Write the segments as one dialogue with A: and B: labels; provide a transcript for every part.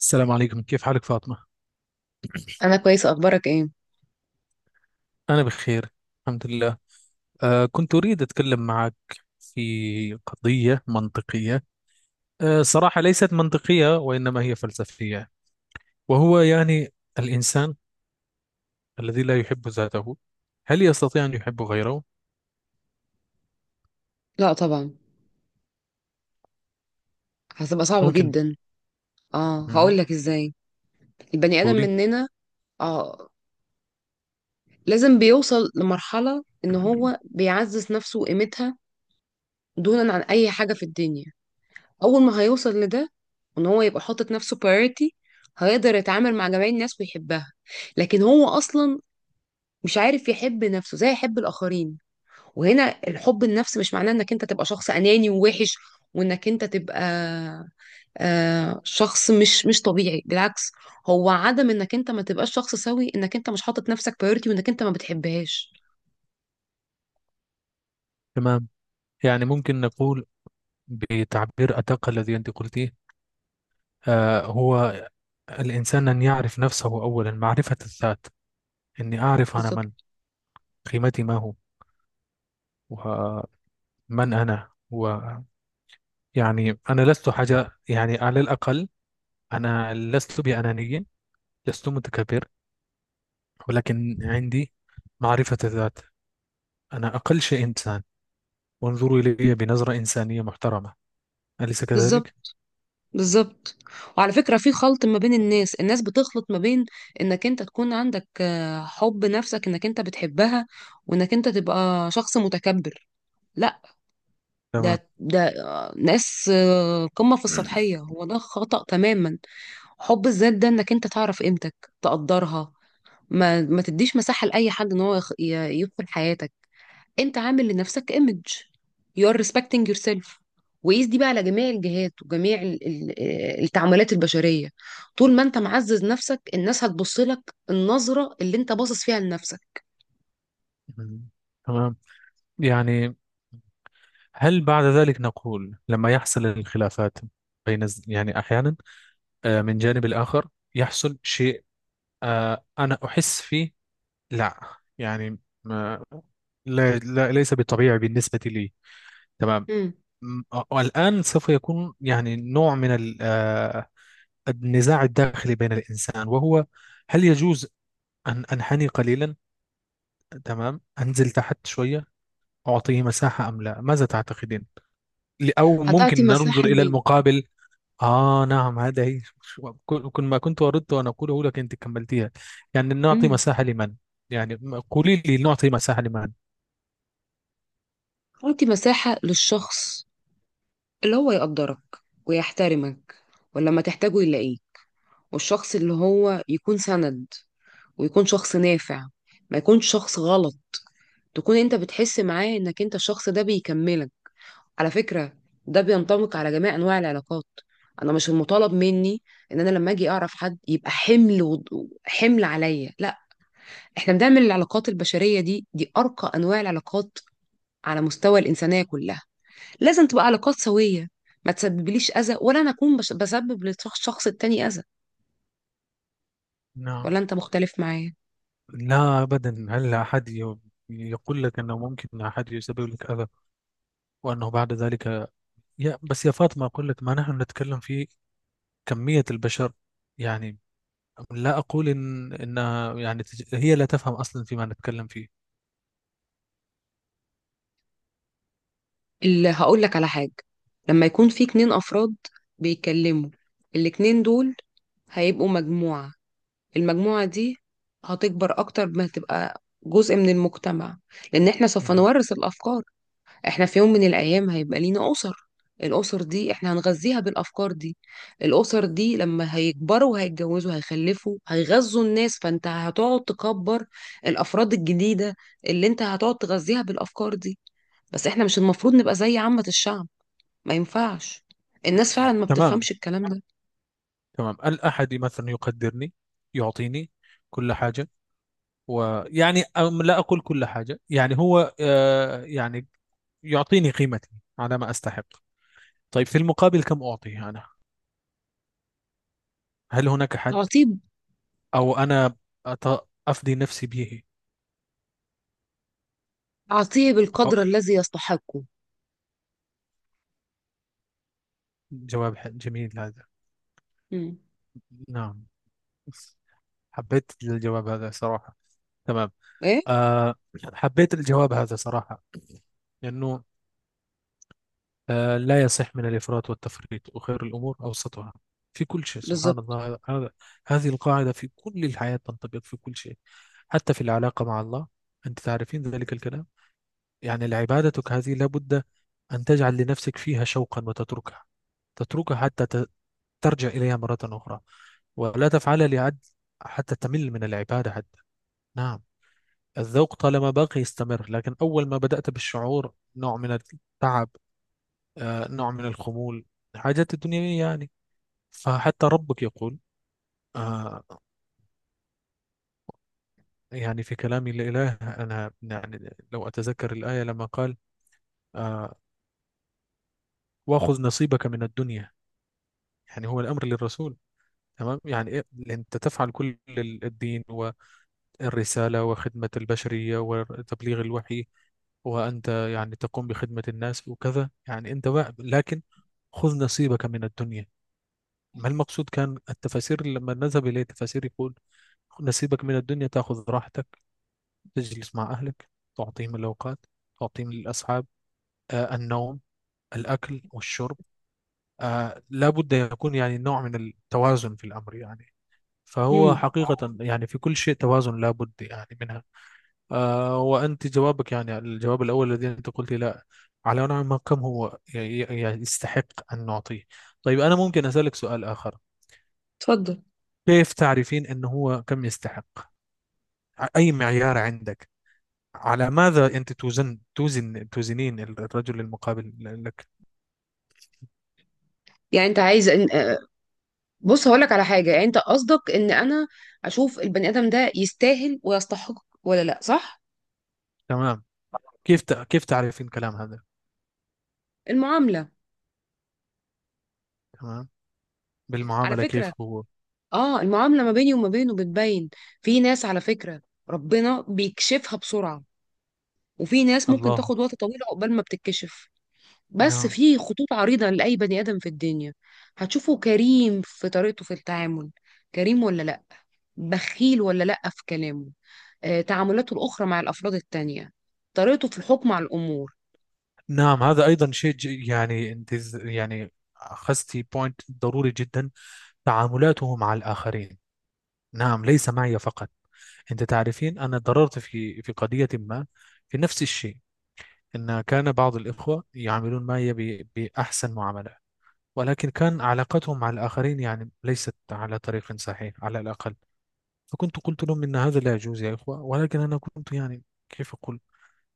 A: السلام عليكم، كيف حالك فاطمة؟
B: انا كويسه، اخبارك ايه؟
A: أنا بخير الحمد لله. كنت أريد أتكلم معك في قضية منطقية. صراحة ليست منطقية وإنما هي فلسفية. وهو يعني الإنسان الذي لا يحب ذاته، هل يستطيع أن يحب غيره؟
B: لا طبعا، هتبقى صعبه
A: ممكن.
B: جدا. اه هقول
A: مهم.
B: لك ازاي. البني ادم
A: قولي.
B: مننا اه لازم بيوصل لمرحله ان هو بيعزز نفسه وقيمتها دونا عن اي حاجه في الدنيا. اول ما هيوصل لده وان هو يبقى حاطط نفسه priority، هيقدر يتعامل مع جميع الناس ويحبها. لكن هو اصلا مش عارف يحب نفسه زي يحب الاخرين. وهنا الحب النفس مش معناه انك انت تبقى شخص اناني ووحش، وانك انت تبقى شخص مش طبيعي، بالعكس. هو عدم انك انت ما تبقاش شخص سوي انك انت مش حاطط نفسك بايورتي وانك انت ما بتحبهاش.
A: تمام. يعني ممكن نقول بتعبير أدق الذي أنت قلتيه. هو الإنسان أن يعرف نفسه أولا، معرفة الذات. أني أعرف أنا
B: بالظبط،
A: من قيمتي ما هو، من أنا. ويعني أنا لست حاجة، يعني على الأقل أنا لست بأناني، لست متكبر، ولكن عندي معرفة الذات. أنا أقل شيء إنسان، وانظروا إلي بنظرة إنسانية محترمة. أليس كذلك؟
B: بالظبط، بالظبط. وعلى فكرة في خلط ما بين الناس، الناس بتخلط ما بين انك انت تكون عندك حب نفسك انك انت بتحبها، وانك انت تبقى شخص متكبر. لا،
A: تمام.
B: ده ناس قمة في السطحية. هو ده خطأ تماما. حب الذات ده انك انت تعرف قيمتك، تقدرها، ما تديش مساحة لأي حد ان هو يدخل حياتك. انت عامل لنفسك image. you're respecting yourself. وقيس دي بقى على جميع الجهات وجميع التعاملات البشرية. طول ما انت معزز نفسك الناس هتبص لك النظرة اللي انت باصص فيها لنفسك.
A: مم. تمام. يعني هل بعد ذلك نقول لما يحصل الخلافات بين يعني أحيانا، من جانب الآخر يحصل شيء. أنا أحس فيه لا، يعني ما، لا, لا ليس بالطبيعي بالنسبة لي. تمام.
B: مم.
A: م- والآن سوف يكون يعني نوع من النزاع الداخلي بين الإنسان. وهو هل يجوز أن أنحني قليلا؟ تمام، أنزل تحت شوية، أعطيه مساحة أم لا؟ ماذا تعتقدين؟ أو
B: هتعطي
A: ممكن ننظر
B: مساحة
A: إلى
B: لمين؟
A: المقابل. نعم، هذا هي كل ما كنت أردت أن أقوله لك، أنت كملتيها. يعني نعطي
B: مم.
A: مساحة لمن؟ يعني قولي لي، نعطي مساحة لمن؟
B: هتعطي مساحة للشخص اللي هو يقدرك ويحترمك، ولما تحتاجه يلاقيه. والشخص اللي هو يكون سند ويكون شخص نافع، ما يكونش شخص غلط. تكون انت بتحس معاه انك انت الشخص ده بيكملك. على فكرة ده بينطبق على جميع انواع العلاقات. انا مش المطالب مني ان انا لما اجي اعرف حد يبقى حمل عليا، لا. احنا بنعمل العلاقات البشرية دي، دي ارقى انواع العلاقات على مستوى الانسانية كلها. لازم تبقى علاقات سوية، ما تسببليش أذى، ولا أنا أكون بسبب للشخص التاني أذى.
A: نعم.
B: ولا أنت مختلف معايا.
A: لا أبدا، هل أحد يقول لك أنه ممكن أحد يسبب لك أذى؟ وأنه بعد ذلك، يا بس يا فاطمة، أقول لك ما نحن نتكلم في كمية البشر. يعني لا أقول إن إنها يعني هي لا تفهم أصلا فيما نتكلم فيه.
B: اللي هقول لك على حاجة، لما يكون في 2 أفراد بيتكلموا، الاتنين دول هيبقوا مجموعة. المجموعة دي هتكبر أكتر ما تبقى جزء من المجتمع، لأن احنا سوف
A: مهم.
B: نورث الأفكار. احنا في يوم من الايام هيبقى لينا اسر، الاسر دي احنا هنغذيها بالافكار دي. الاسر دي لما هيكبروا وهيتجوزوا هيخلفوا هيغذوا الناس، فانت هتقعد تكبر الافراد الجديده اللي انت هتقعد تغذيها بالافكار دي. بس احنا مش المفروض نبقى زي عامه الشعب، ما ينفعش. الناس فعلا ما
A: تمام.
B: بتفهمش الكلام ده.
A: تمام، الأحد مثلا يقدرني، يعطيني كل حاجة. ويعني أم لا أقول كل حاجة، يعني هو يعني يعطيني قيمتي على ما أستحق. طيب في المقابل كم أعطيه أنا؟ هل هناك حد؟
B: اعطيه.
A: أو أنا أط- أفدي نفسي به؟
B: اعطيه بالقدر
A: أو-
B: الذي يستحقه.
A: جواب جميل هذا.
B: مم.
A: نعم، حبيت الجواب هذا صراحة. تمام.
B: ايه.
A: أه، حبيت الجواب هذا صراحة، لأنه أه لا يصح من الإفراط والتفريط، وخير الأمور أوسطها في كل شيء. سبحان
B: بالظبط.
A: الله، هذا، هذه القاعدة في كل الحياة تنطبق في كل شيء. حتى في العلاقة مع الله أنت تعرفين ذلك الكلام. يعني عبادتك هذه لابد أن تجعل لنفسك فيها شوقا، وتتركها، تتركها حتى ترجع إليها مرة أخرى، ولا تفعلها لعد، حتى تمل من العبادة. حتى نعم الذوق طالما باقي يستمر، لكن أول ما بدأت بالشعور نوع من التعب، نوع من الخمول، الحاجات الدنيوية يعني. فحتى ربك يقول، آه، يعني في كلامي لإله، أنا يعني لو أتذكر الآية لما قال، آه، وأخذ نصيبك من الدنيا. يعني هو الأمر للرسول، تمام، يعني إيه؟ أنت تفعل كل الدين والرسالة وخدمة البشرية وتبليغ الوحي، وأنت يعني تقوم بخدمة الناس وكذا، يعني أنت بقى، لكن خذ نصيبك من الدنيا. ما المقصود؟ كان التفاسير لما نذهب إليه، التفاسير يقول خذ نصيبك من الدنيا، تأخذ راحتك، تجلس مع أهلك، تعطيهم الأوقات، تعطيهم الأصحاب، النوم، الأكل والشرب. لابد يكون يعني نوع من التوازن في الأمر يعني. فهو
B: مم.
A: حقيقة يعني في كل شيء توازن لابد يعني منها. آه، وأنت جوابك يعني الجواب الأول الذي أنت قلت لا على نوع ما، كم هو يعني يستحق أن نعطيه. طيب أنا ممكن أسألك سؤال آخر؟
B: اتفضل.
A: كيف تعرفين أنه هو كم يستحق؟ أي معيار عندك؟ على ماذا أنت توزن توزنين الرجل المقابل لك؟
B: يعني انت عايز، بص هقولك على حاجة. يعني انت قصدك ان انا اشوف البني ادم ده يستاهل ويستحق ولا لا، صح؟
A: تمام. كيف تعرفين كلام هذا؟
B: المعاملة.
A: تمام،
B: على
A: بالمعاملة،
B: فكرة
A: كيف هو؟
B: اه المعاملة ما بيني وما بينه بتبين. في ناس على فكرة ربنا بيكشفها بسرعة، وفي ناس ممكن
A: الله.
B: تاخد وقت طويل عقبال ما بتتكشف. بس
A: نعم.
B: في خطوط عريضة لأي بني آدم في الدنيا، هتشوفه كريم في طريقته في التعامل، كريم ولا لا، بخيل ولا لأ في كلامه، تعاملاته الأخرى مع الأفراد التانية، طريقته في الحكم على الأمور.
A: نعم، هذا أيضا شيء يعني أنت يعني أخذتي بوينت ضروري جدا. تعاملاته مع الآخرين، نعم، ليس معي فقط. أنت تعرفين أنا ضررت في قضية ما، في نفس الشيء. أن كان بعض الإخوة يعاملون معي بأحسن معاملة، ولكن كان علاقتهم مع الآخرين يعني ليست على طريق صحيح على الأقل. فكنت قلت لهم إن هذا لا يجوز يا إخوة، ولكن أنا كنت يعني كيف أقول،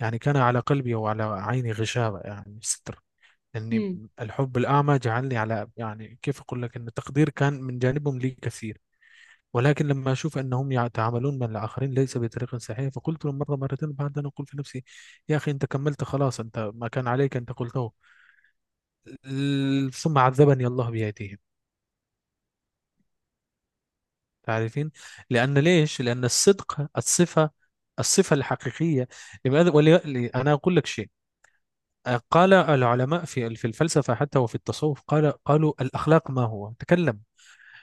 A: يعني كان على قلبي وعلى عيني غشاوة، يعني ستر. أني الحب الأعمى جعلني على، يعني كيف أقول لك، أن التقدير كان من جانبهم لي كثير، ولكن لما أشوف أنهم يتعاملون مع الآخرين ليس بطريقة صحيحة، فقلت له مرة مرتين، بعد أن أقول في نفسي يا أخي أنت كملت خلاص، أنت ما كان عليك، أنت قلته. ثم عذبني الله بأيديهم. تعرفين، لأن، ليش؟ لأن الصدق الصفة، الصفة الحقيقية. لماذا ولي... أنا أقول لك شيء. قال العلماء في في الفلسفة حتى، وفي التصوف قال، قالوا الأخلاق ما هو؟ تكلم.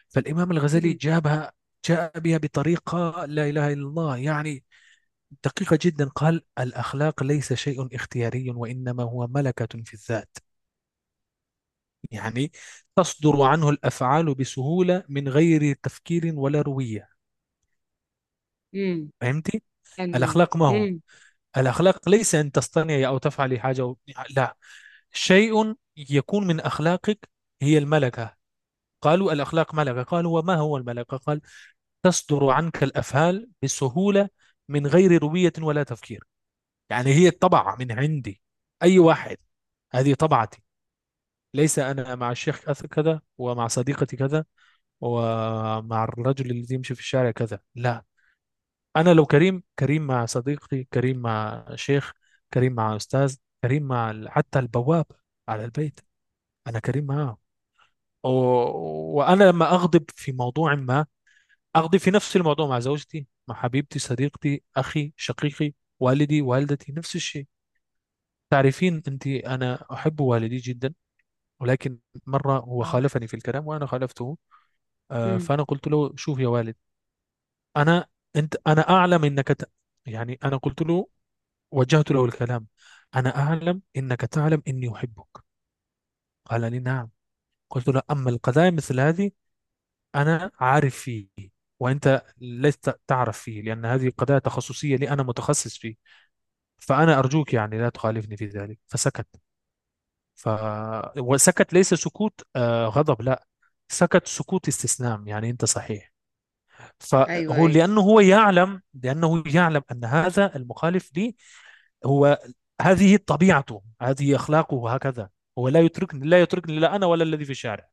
A: فالإمام الغزالي
B: امم.
A: جابها، جاء بها بطريقة، لا إله إلا الله، يعني دقيقة جدا. قال الأخلاق ليس شيء اختياري، وإنما هو ملكة في الذات. يعني تصدر عنه الأفعال بسهولة من غير تفكير ولا روية.
B: امم.
A: فهمتي؟
B: حلو ده.
A: الأخلاق ما هو؟
B: امم.
A: الأخلاق ليس أن تصطنعي أو تفعلي حاجة و... لا، شيء يكون من أخلاقك، هي الملكة. قالوا الأخلاق ملكة، قالوا وما هو الملكة؟ قال تصدر عنك الأفعال بسهولة من غير روية ولا تفكير. يعني هي الطبعة من عندي أي واحد. هذه طبعتي. ليس أنا مع الشيخ كذا كذا، ومع صديقتي كذا، ومع الرجل الذي يمشي في الشارع كذا، لا. أنا لو كريم، كريم مع صديقي، كريم مع شيخ، كريم مع أستاذ، كريم مع حتى البواب على البيت أنا كريم معه. و... وأنا لما أغضب في موضوع ما، أغضب في نفس الموضوع مع زوجتي، مع حبيبتي، صديقتي، أخي، شقيقي، والدي، والدتي، نفس الشيء. تعرفين أنت أنا أحب والدي جدا، ولكن مرة هو
B: اه.
A: خالفني في الكلام وأنا خالفته.
B: امم.
A: فأنا قلت له شوف يا والد، أنا، أنت، أنا أعلم أنك ت... يعني أنا قلت له، وجهت له الكلام، أنا أعلم أنك تعلم أني أحبك. قال لي نعم. قلت له أما القضايا مثل هذه أنا عارف فيه، وأنت لست تعرف فيه، لأن هذه قضايا تخصصية لي، أنا متخصص فيه. فأنا أرجوك يعني لا تخالفني في ذلك. فسكت. ف... وسكت، ليس سكوت غضب، لا، سكت سكوت استسلام، يعني انت صحيح.
B: ايوه،
A: فهو
B: ايوه.
A: لانه هو يعلم، لانه يعلم ان هذا المخالف لي هو، هذه طبيعته، هذه اخلاقه هكذا. هو لا يتركني، لا يتركني، لا انا ولا الذي في الشارع.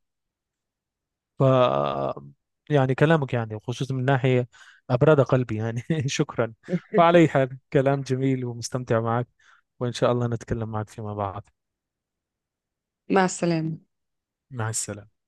A: ف يعني كلامك يعني خصوصا من ناحيه ابرد قلبي، يعني شكرا. وعلى أي حال كلام جميل ومستمتع معك، وان شاء الله نتكلم معك فيما بعد.
B: مع السلامة.
A: مع السلامه.